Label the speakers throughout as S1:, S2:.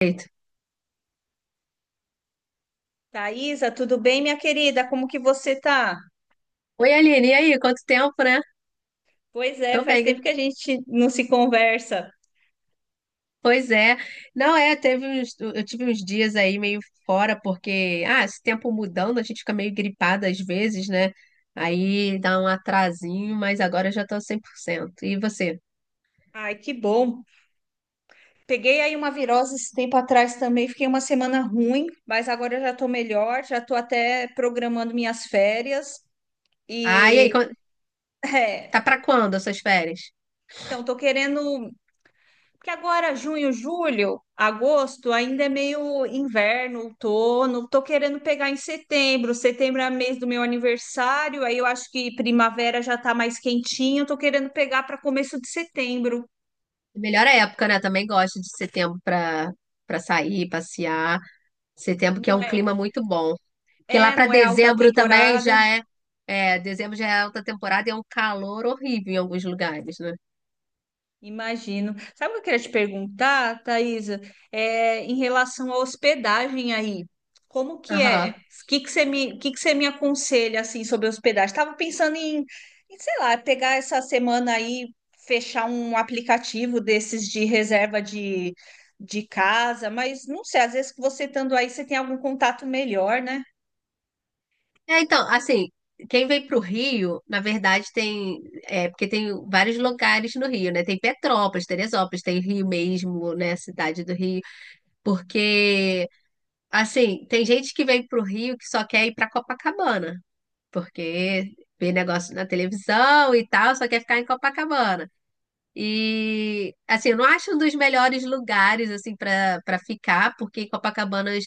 S1: Perfeito.
S2: Thaisa, tudo bem, minha querida? Como que você tá?
S1: Oi, Aline, e aí? Quanto tempo, né?
S2: Pois é,
S1: Tô
S2: faz tempo
S1: bem.
S2: que a gente não se conversa.
S1: Pois é. Não é, eu tive uns dias aí meio fora, porque, ah, esse tempo mudando, a gente fica meio gripada às vezes, né? Aí dá um atrasinho, mas agora eu já tô 100%. E você?
S2: Ai, que bom. Peguei aí uma virose esse tempo atrás também, fiquei uma semana ruim, mas agora eu já tô melhor, já tô até programando minhas férias
S1: Ah, e aí,
S2: e
S1: tá
S2: é,
S1: pra quando as suas férias?
S2: então tô querendo. Porque agora, junho, julho, agosto, ainda é meio inverno, outono. Tô querendo pegar em setembro. Setembro é mês do meu aniversário, aí eu acho que primavera já tá mais quentinho. Tô querendo pegar para começo de setembro.
S1: Melhor época, né? Também gosto de setembro pra sair, passear. Setembro que é
S2: Não
S1: um clima
S2: é?
S1: muito bom. Porque lá
S2: É,
S1: para
S2: não é alta
S1: dezembro também
S2: temporada.
S1: já dezembro já é alta temporada e é um calor horrível em alguns lugares, né?
S2: Imagino. Sabe o que eu queria te perguntar, Thaisa? É, em relação à hospedagem aí, como que é?
S1: Aham.
S2: O que que você me, o que você me aconselha assim sobre hospedagem? Estava pensando em, em, sei lá, pegar essa semana aí, fechar um aplicativo desses de reserva de casa, mas não sei, às vezes que você estando aí, você tem algum contato melhor, né?
S1: É, então, assim, quem vem pro Rio, na verdade porque tem vários lugares no Rio, né? Tem Petrópolis, Teresópolis, tem Rio mesmo, né? Cidade do Rio, porque, assim, tem gente que vem pro Rio que só quer ir pra Copacabana, porque vê negócio na televisão e tal, só quer ficar em Copacabana. E assim, eu não acho um dos melhores lugares assim para ficar, porque Copacabanas,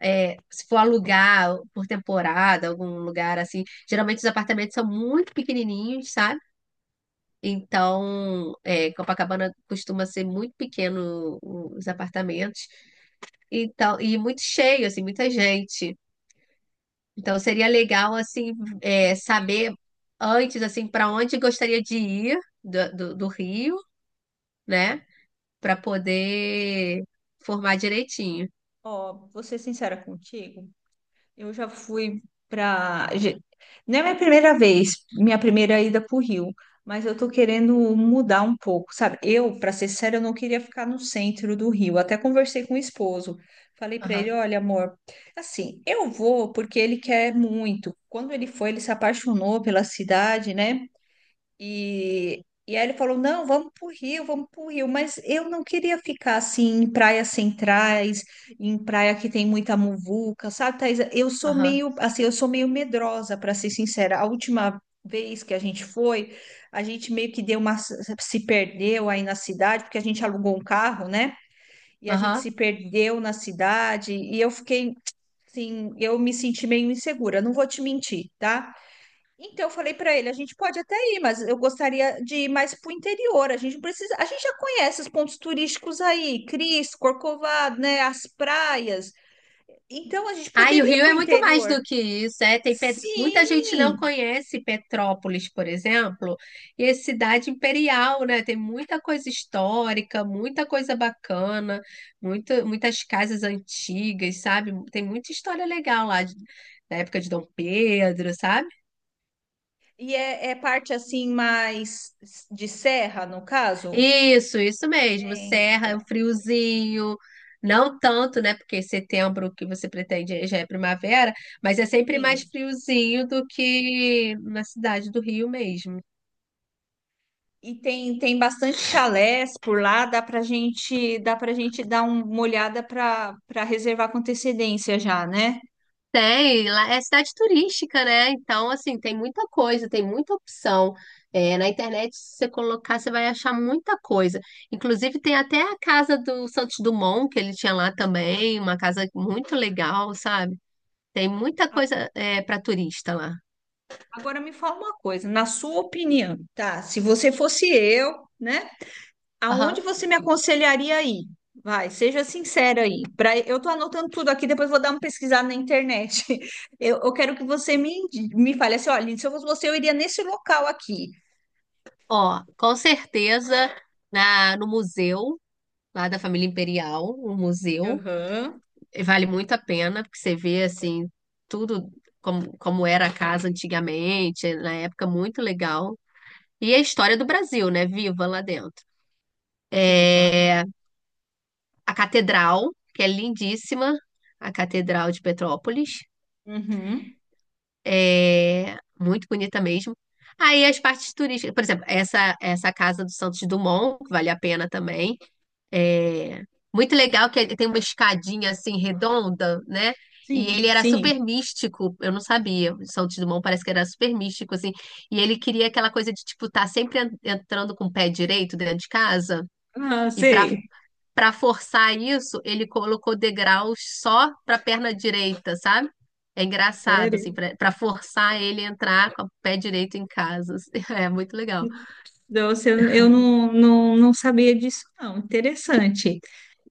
S1: se for alugar por temporada, algum lugar assim, geralmente os apartamentos são muito pequenininhos, sabe? Então, Copacabana costuma ser muito pequeno os apartamentos, então e muito cheio assim, muita gente. Então seria legal assim
S2: Entendi.
S1: saber antes assim para onde gostaria de ir do, do Rio né? Para poder formar direitinho.
S2: Ó, vou ser sincera contigo. Eu já fui para. Não é minha primeira vez, minha primeira ida para o Rio, mas eu tô querendo mudar um pouco, sabe? Eu, para ser séria, eu não queria ficar no centro do Rio. Até conversei com o esposo. Falei para ele:
S1: Aham,
S2: olha, amor, assim, eu vou porque ele quer muito. Quando ele foi, ele se apaixonou pela cidade, né? E aí ele falou: não, vamos para o Rio, vamos para o Rio. Mas eu não queria ficar assim em praias centrais, em praia que tem muita muvuca, sabe, Thaís? Eu sou
S1: aham,
S2: meio assim, eu sou meio medrosa, para ser sincera. A última vez que a gente foi, a gente meio que deu uma se perdeu aí na cidade, porque a gente alugou um carro, né? E a gente se
S1: aham.
S2: perdeu na cidade, e eu fiquei assim, eu me senti meio insegura, não vou te mentir, tá? Então, eu falei para ele, a gente pode até ir, mas eu gostaria de ir mais para o interior. A gente não precisa, a gente já conhece os pontos turísticos aí, Cris, Corcovado, né, as praias. Então, a gente
S1: Ah, e o
S2: poderia ir
S1: Rio
S2: para o
S1: é muito mais
S2: interior.
S1: do que isso, é, muita gente não
S2: Sim!
S1: conhece Petrópolis, por exemplo, e é cidade imperial, né? Tem muita coisa histórica, muita coisa bacana, muitas casas antigas, sabe? Tem muita história legal lá da época de Dom Pedro, sabe?
S2: E é, é parte assim mais de serra, no caso?
S1: Isso mesmo.
S2: É,
S1: Serra,
S2: então,
S1: um friozinho. Não tanto, né? Porque setembro que você pretende já é primavera, mas é sempre mais
S2: sim.
S1: friozinho do que na cidade do Rio mesmo.
S2: E tem, tem bastante chalés por lá, dá pra gente, uma olhada para para reservar com antecedência já, né?
S1: Tem, lá é cidade turística, né? Então, assim, tem muita coisa, tem muita opção. É, na internet, se você colocar, você vai achar muita coisa. Inclusive, tem até a casa do Santos Dumont, que ele tinha lá também, uma casa muito legal, sabe? Tem muita coisa, para turista lá.
S2: Agora me fala uma coisa, na sua opinião, tá? Se você fosse eu, né? Aonde você me aconselharia a ir? Vai, seja sincera aí. Pra, eu tô anotando tudo aqui, depois vou dar uma pesquisada na internet. Eu quero que você me, me fale assim, olha, se eu fosse você, eu iria nesse local aqui.
S1: Ó, com certeza no museu lá da família Imperial, um museu,
S2: Aham.
S1: e vale muito a pena, porque você vê assim tudo como era a casa antigamente, na época muito legal. E a história do Brasil, né? Viva lá dentro.
S2: Sim, claro.
S1: É, a catedral, que é lindíssima, a Catedral de Petrópolis,
S2: Uhum.
S1: é muito bonita mesmo. Aí as partes turísticas, por exemplo, essa casa do Santos Dumont, que vale a pena também. É, muito legal que ele tem uma escadinha assim redonda, né? E
S2: Sim,
S1: ele era
S2: sim.
S1: super místico, eu não sabia. O Santos Dumont parece que era super místico, assim. E ele queria aquela coisa de, tipo, estar sempre entrando com o pé direito dentro de casa.
S2: Ah,
S1: E para
S2: sei.
S1: para forçar isso, ele colocou degraus só para a perna direita, sabe? É engraçado,
S2: Sério?
S1: assim, para forçar ele a entrar com o pé direito em casa, assim. É muito legal.
S2: Nossa, eu, eu não sabia disso, não. Interessante.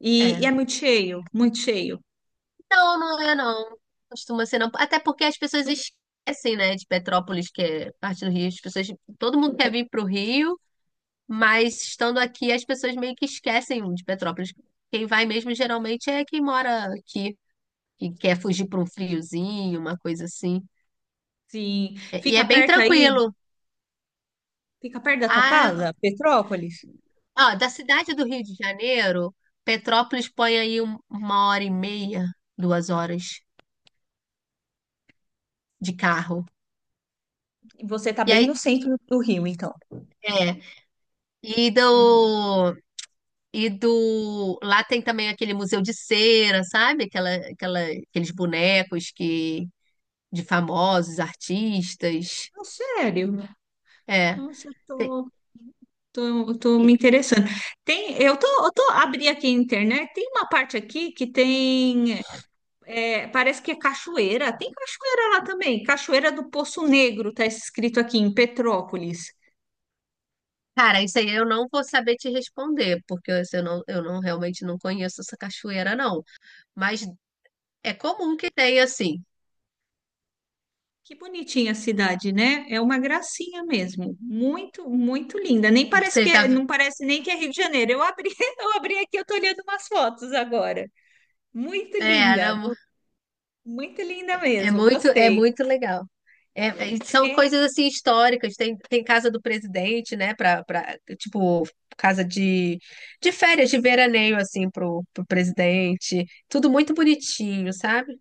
S2: E é
S1: É.
S2: muito cheio, muito cheio.
S1: Não, não é não. Costuma ser não. Até porque as pessoas esquecem, né, de Petrópolis, que é parte do Rio. Todo mundo quer vir para o Rio, mas estando aqui as pessoas meio que esquecem de Petrópolis. Quem vai mesmo geralmente é quem mora aqui, que quer fugir para um friozinho, uma coisa assim.
S2: Sim.
S1: E é
S2: Fica
S1: bem
S2: perto aí?
S1: tranquilo.
S2: Fica perto da tua
S1: Ah,
S2: casa, Petrópolis?
S1: ó, da cidade do Rio de Janeiro, Petrópolis põe aí uma hora e meia, 2 horas de carro.
S2: Você tá
S1: E
S2: bem no
S1: aí,
S2: centro do Rio, então.
S1: é, e
S2: Hum.
S1: do E do. Lá tem também aquele museu de cera, sabe? Aqueles bonecos que de famosos, artistas.
S2: Não, sério?
S1: É.
S2: Nossa, eu
S1: Tem-
S2: tô, tô me
S1: e-
S2: interessando. Tem, eu tô abri aqui a internet, tem uma parte aqui que tem, é, parece que é cachoeira. Tem cachoeira lá também. Cachoeira do Poço Negro, tá escrito aqui em Petrópolis.
S1: cara, isso aí eu não vou saber te responder, porque eu assim, eu não realmente não conheço essa cachoeira, não. Mas é comum que tenha, assim.
S2: Que bonitinha a cidade, né? É uma gracinha mesmo. Muito, muito linda. Nem parece que
S1: Você tá.
S2: é, não parece nem que é Rio de Janeiro. Eu abri, eu abri aqui, eu tô olhando umas fotos agora. Muito
S1: É,
S2: linda,
S1: não.
S2: muito linda
S1: É
S2: mesmo.
S1: muito, é
S2: Gostei.
S1: muito legal. E são
S2: É,
S1: coisas assim históricas. Tem casa do presidente, né? Tipo, casa de férias, de veraneio, assim, pro presidente. Tudo muito bonitinho, sabe?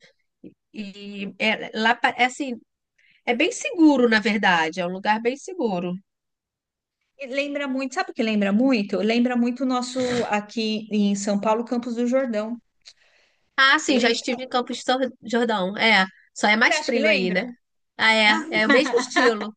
S1: E é, lá, é assim, é bem seguro, na verdade. É um lugar bem seguro.
S2: e lembra muito, sabe o que lembra muito? Lembra muito o nosso aqui em São Paulo, Campos do Jordão.
S1: Ah, sim, já estive
S2: Lembra?
S1: em Campos do Jordão. É, só é
S2: Você
S1: mais
S2: acha que
S1: frio aí, né?
S2: lembra?
S1: Ah, é. É o mesmo estilo.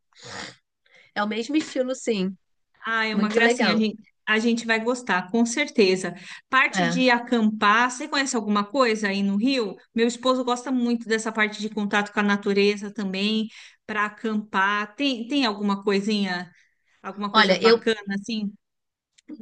S1: É o mesmo estilo, sim.
S2: Ah, é uma
S1: Muito
S2: gracinha.
S1: legal.
S2: A gente vai gostar, com certeza. Parte
S1: É.
S2: de acampar, você conhece alguma coisa aí no Rio? Meu esposo gosta muito dessa parte de contato com a natureza também, para acampar. Tem, tem alguma coisinha, alguma coisa
S1: Olha, eu,
S2: bacana assim?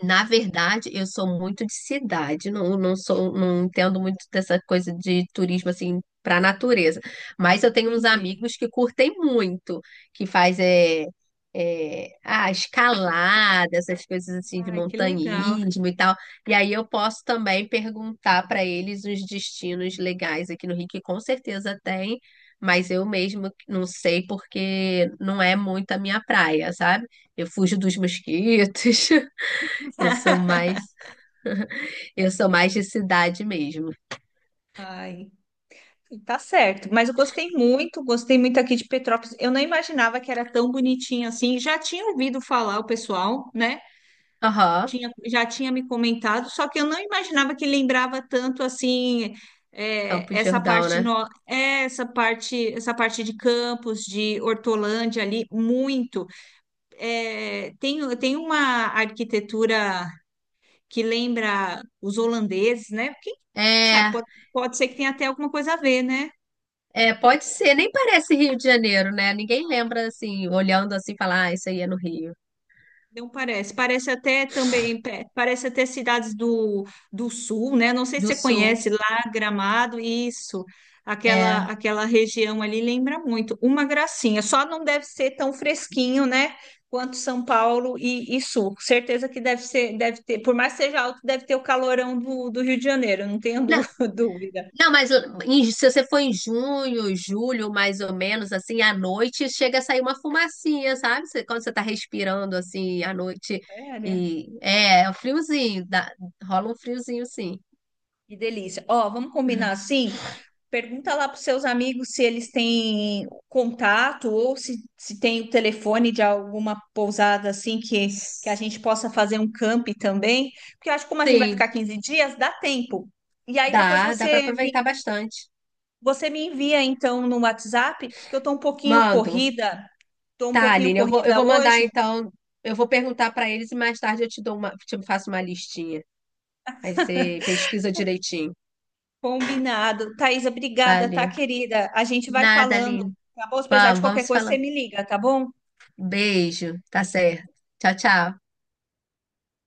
S1: Na verdade, eu sou muito de cidade, não, não sou, não entendo muito dessa coisa de turismo assim para natureza. Mas eu tenho uns
S2: Entendi.
S1: amigos que curtem muito, que faz escalada, essas coisas assim de
S2: Ai, que legal.
S1: montanhismo e tal. E aí eu posso também perguntar para eles os destinos legais aqui no Rio, que com certeza tem, mas eu mesmo não sei porque não é muito a minha praia, sabe? Eu fujo dos mosquitos. Eu sou mais, eu sou mais de cidade mesmo.
S2: Ai, tá certo, mas eu gostei muito aqui de Petrópolis. Eu não imaginava que era tão bonitinho assim. Já tinha ouvido falar o pessoal, né?
S1: Aham,
S2: Tinha, já tinha me comentado, só que eu não imaginava que lembrava tanto assim, é,
S1: Campos de
S2: essa
S1: Jordão,
S2: parte
S1: né?
S2: no, é, essa parte de Campos, de Hortolândia ali muito. É, tem, tem uma arquitetura que lembra os holandeses, né? Quem sabe
S1: É,
S2: pode, pode ser que tenha até alguma coisa a ver, né?
S1: pode ser, nem parece Rio de Janeiro, né? Ninguém lembra assim, olhando assim, falar, ah, isso aí é no Rio
S2: Não parece. Parece até também, parece até cidades do, do sul, né? Não sei se
S1: do
S2: você
S1: Sul.
S2: conhece lá, Gramado, isso. Aquela,
S1: É.
S2: aquela região ali lembra muito. Uma gracinha. Só não deve ser tão fresquinho, né? Quanto São Paulo e sul. Certeza que deve ser, deve ter, por mais que seja alto, deve ter o calorão do, do Rio de Janeiro, não tenho
S1: Não,
S2: dúvida.
S1: não, mas se você for em junho, julho, mais ou menos, assim, à noite, chega a sair uma fumacinha, sabe? Quando você tá respirando assim à noite
S2: É, né?
S1: e é um friozinho, rola um friozinho, sim.
S2: Que delícia. Ó, vamos combinar assim? Pergunta lá para os seus amigos se eles têm contato ou se tem o telefone de alguma pousada assim que a gente possa fazer um camp também. Porque eu acho que como a gente vai
S1: Sim.
S2: ficar 15 dias, dá tempo. E aí depois
S1: Dá para aproveitar bastante.
S2: você me envia então no WhatsApp, que eu tô um pouquinho
S1: Mando.
S2: corrida, tô um
S1: Tá,
S2: pouquinho
S1: Aline, eu vou, eu
S2: corrida
S1: vou mandar
S2: hoje.
S1: então. Eu vou perguntar para eles e mais tarde eu te faço uma listinha. Aí você pesquisa direitinho.
S2: Combinado. Thaisa, obrigada, tá,
S1: Valeu.
S2: querida? A gente vai
S1: Nada,
S2: falando,
S1: Aline.
S2: tá bom? Se precisar de
S1: Vamos
S2: qualquer
S1: se
S2: coisa, você
S1: falando.
S2: me liga, tá bom?
S1: Beijo. Tá certo. Tchau, tchau.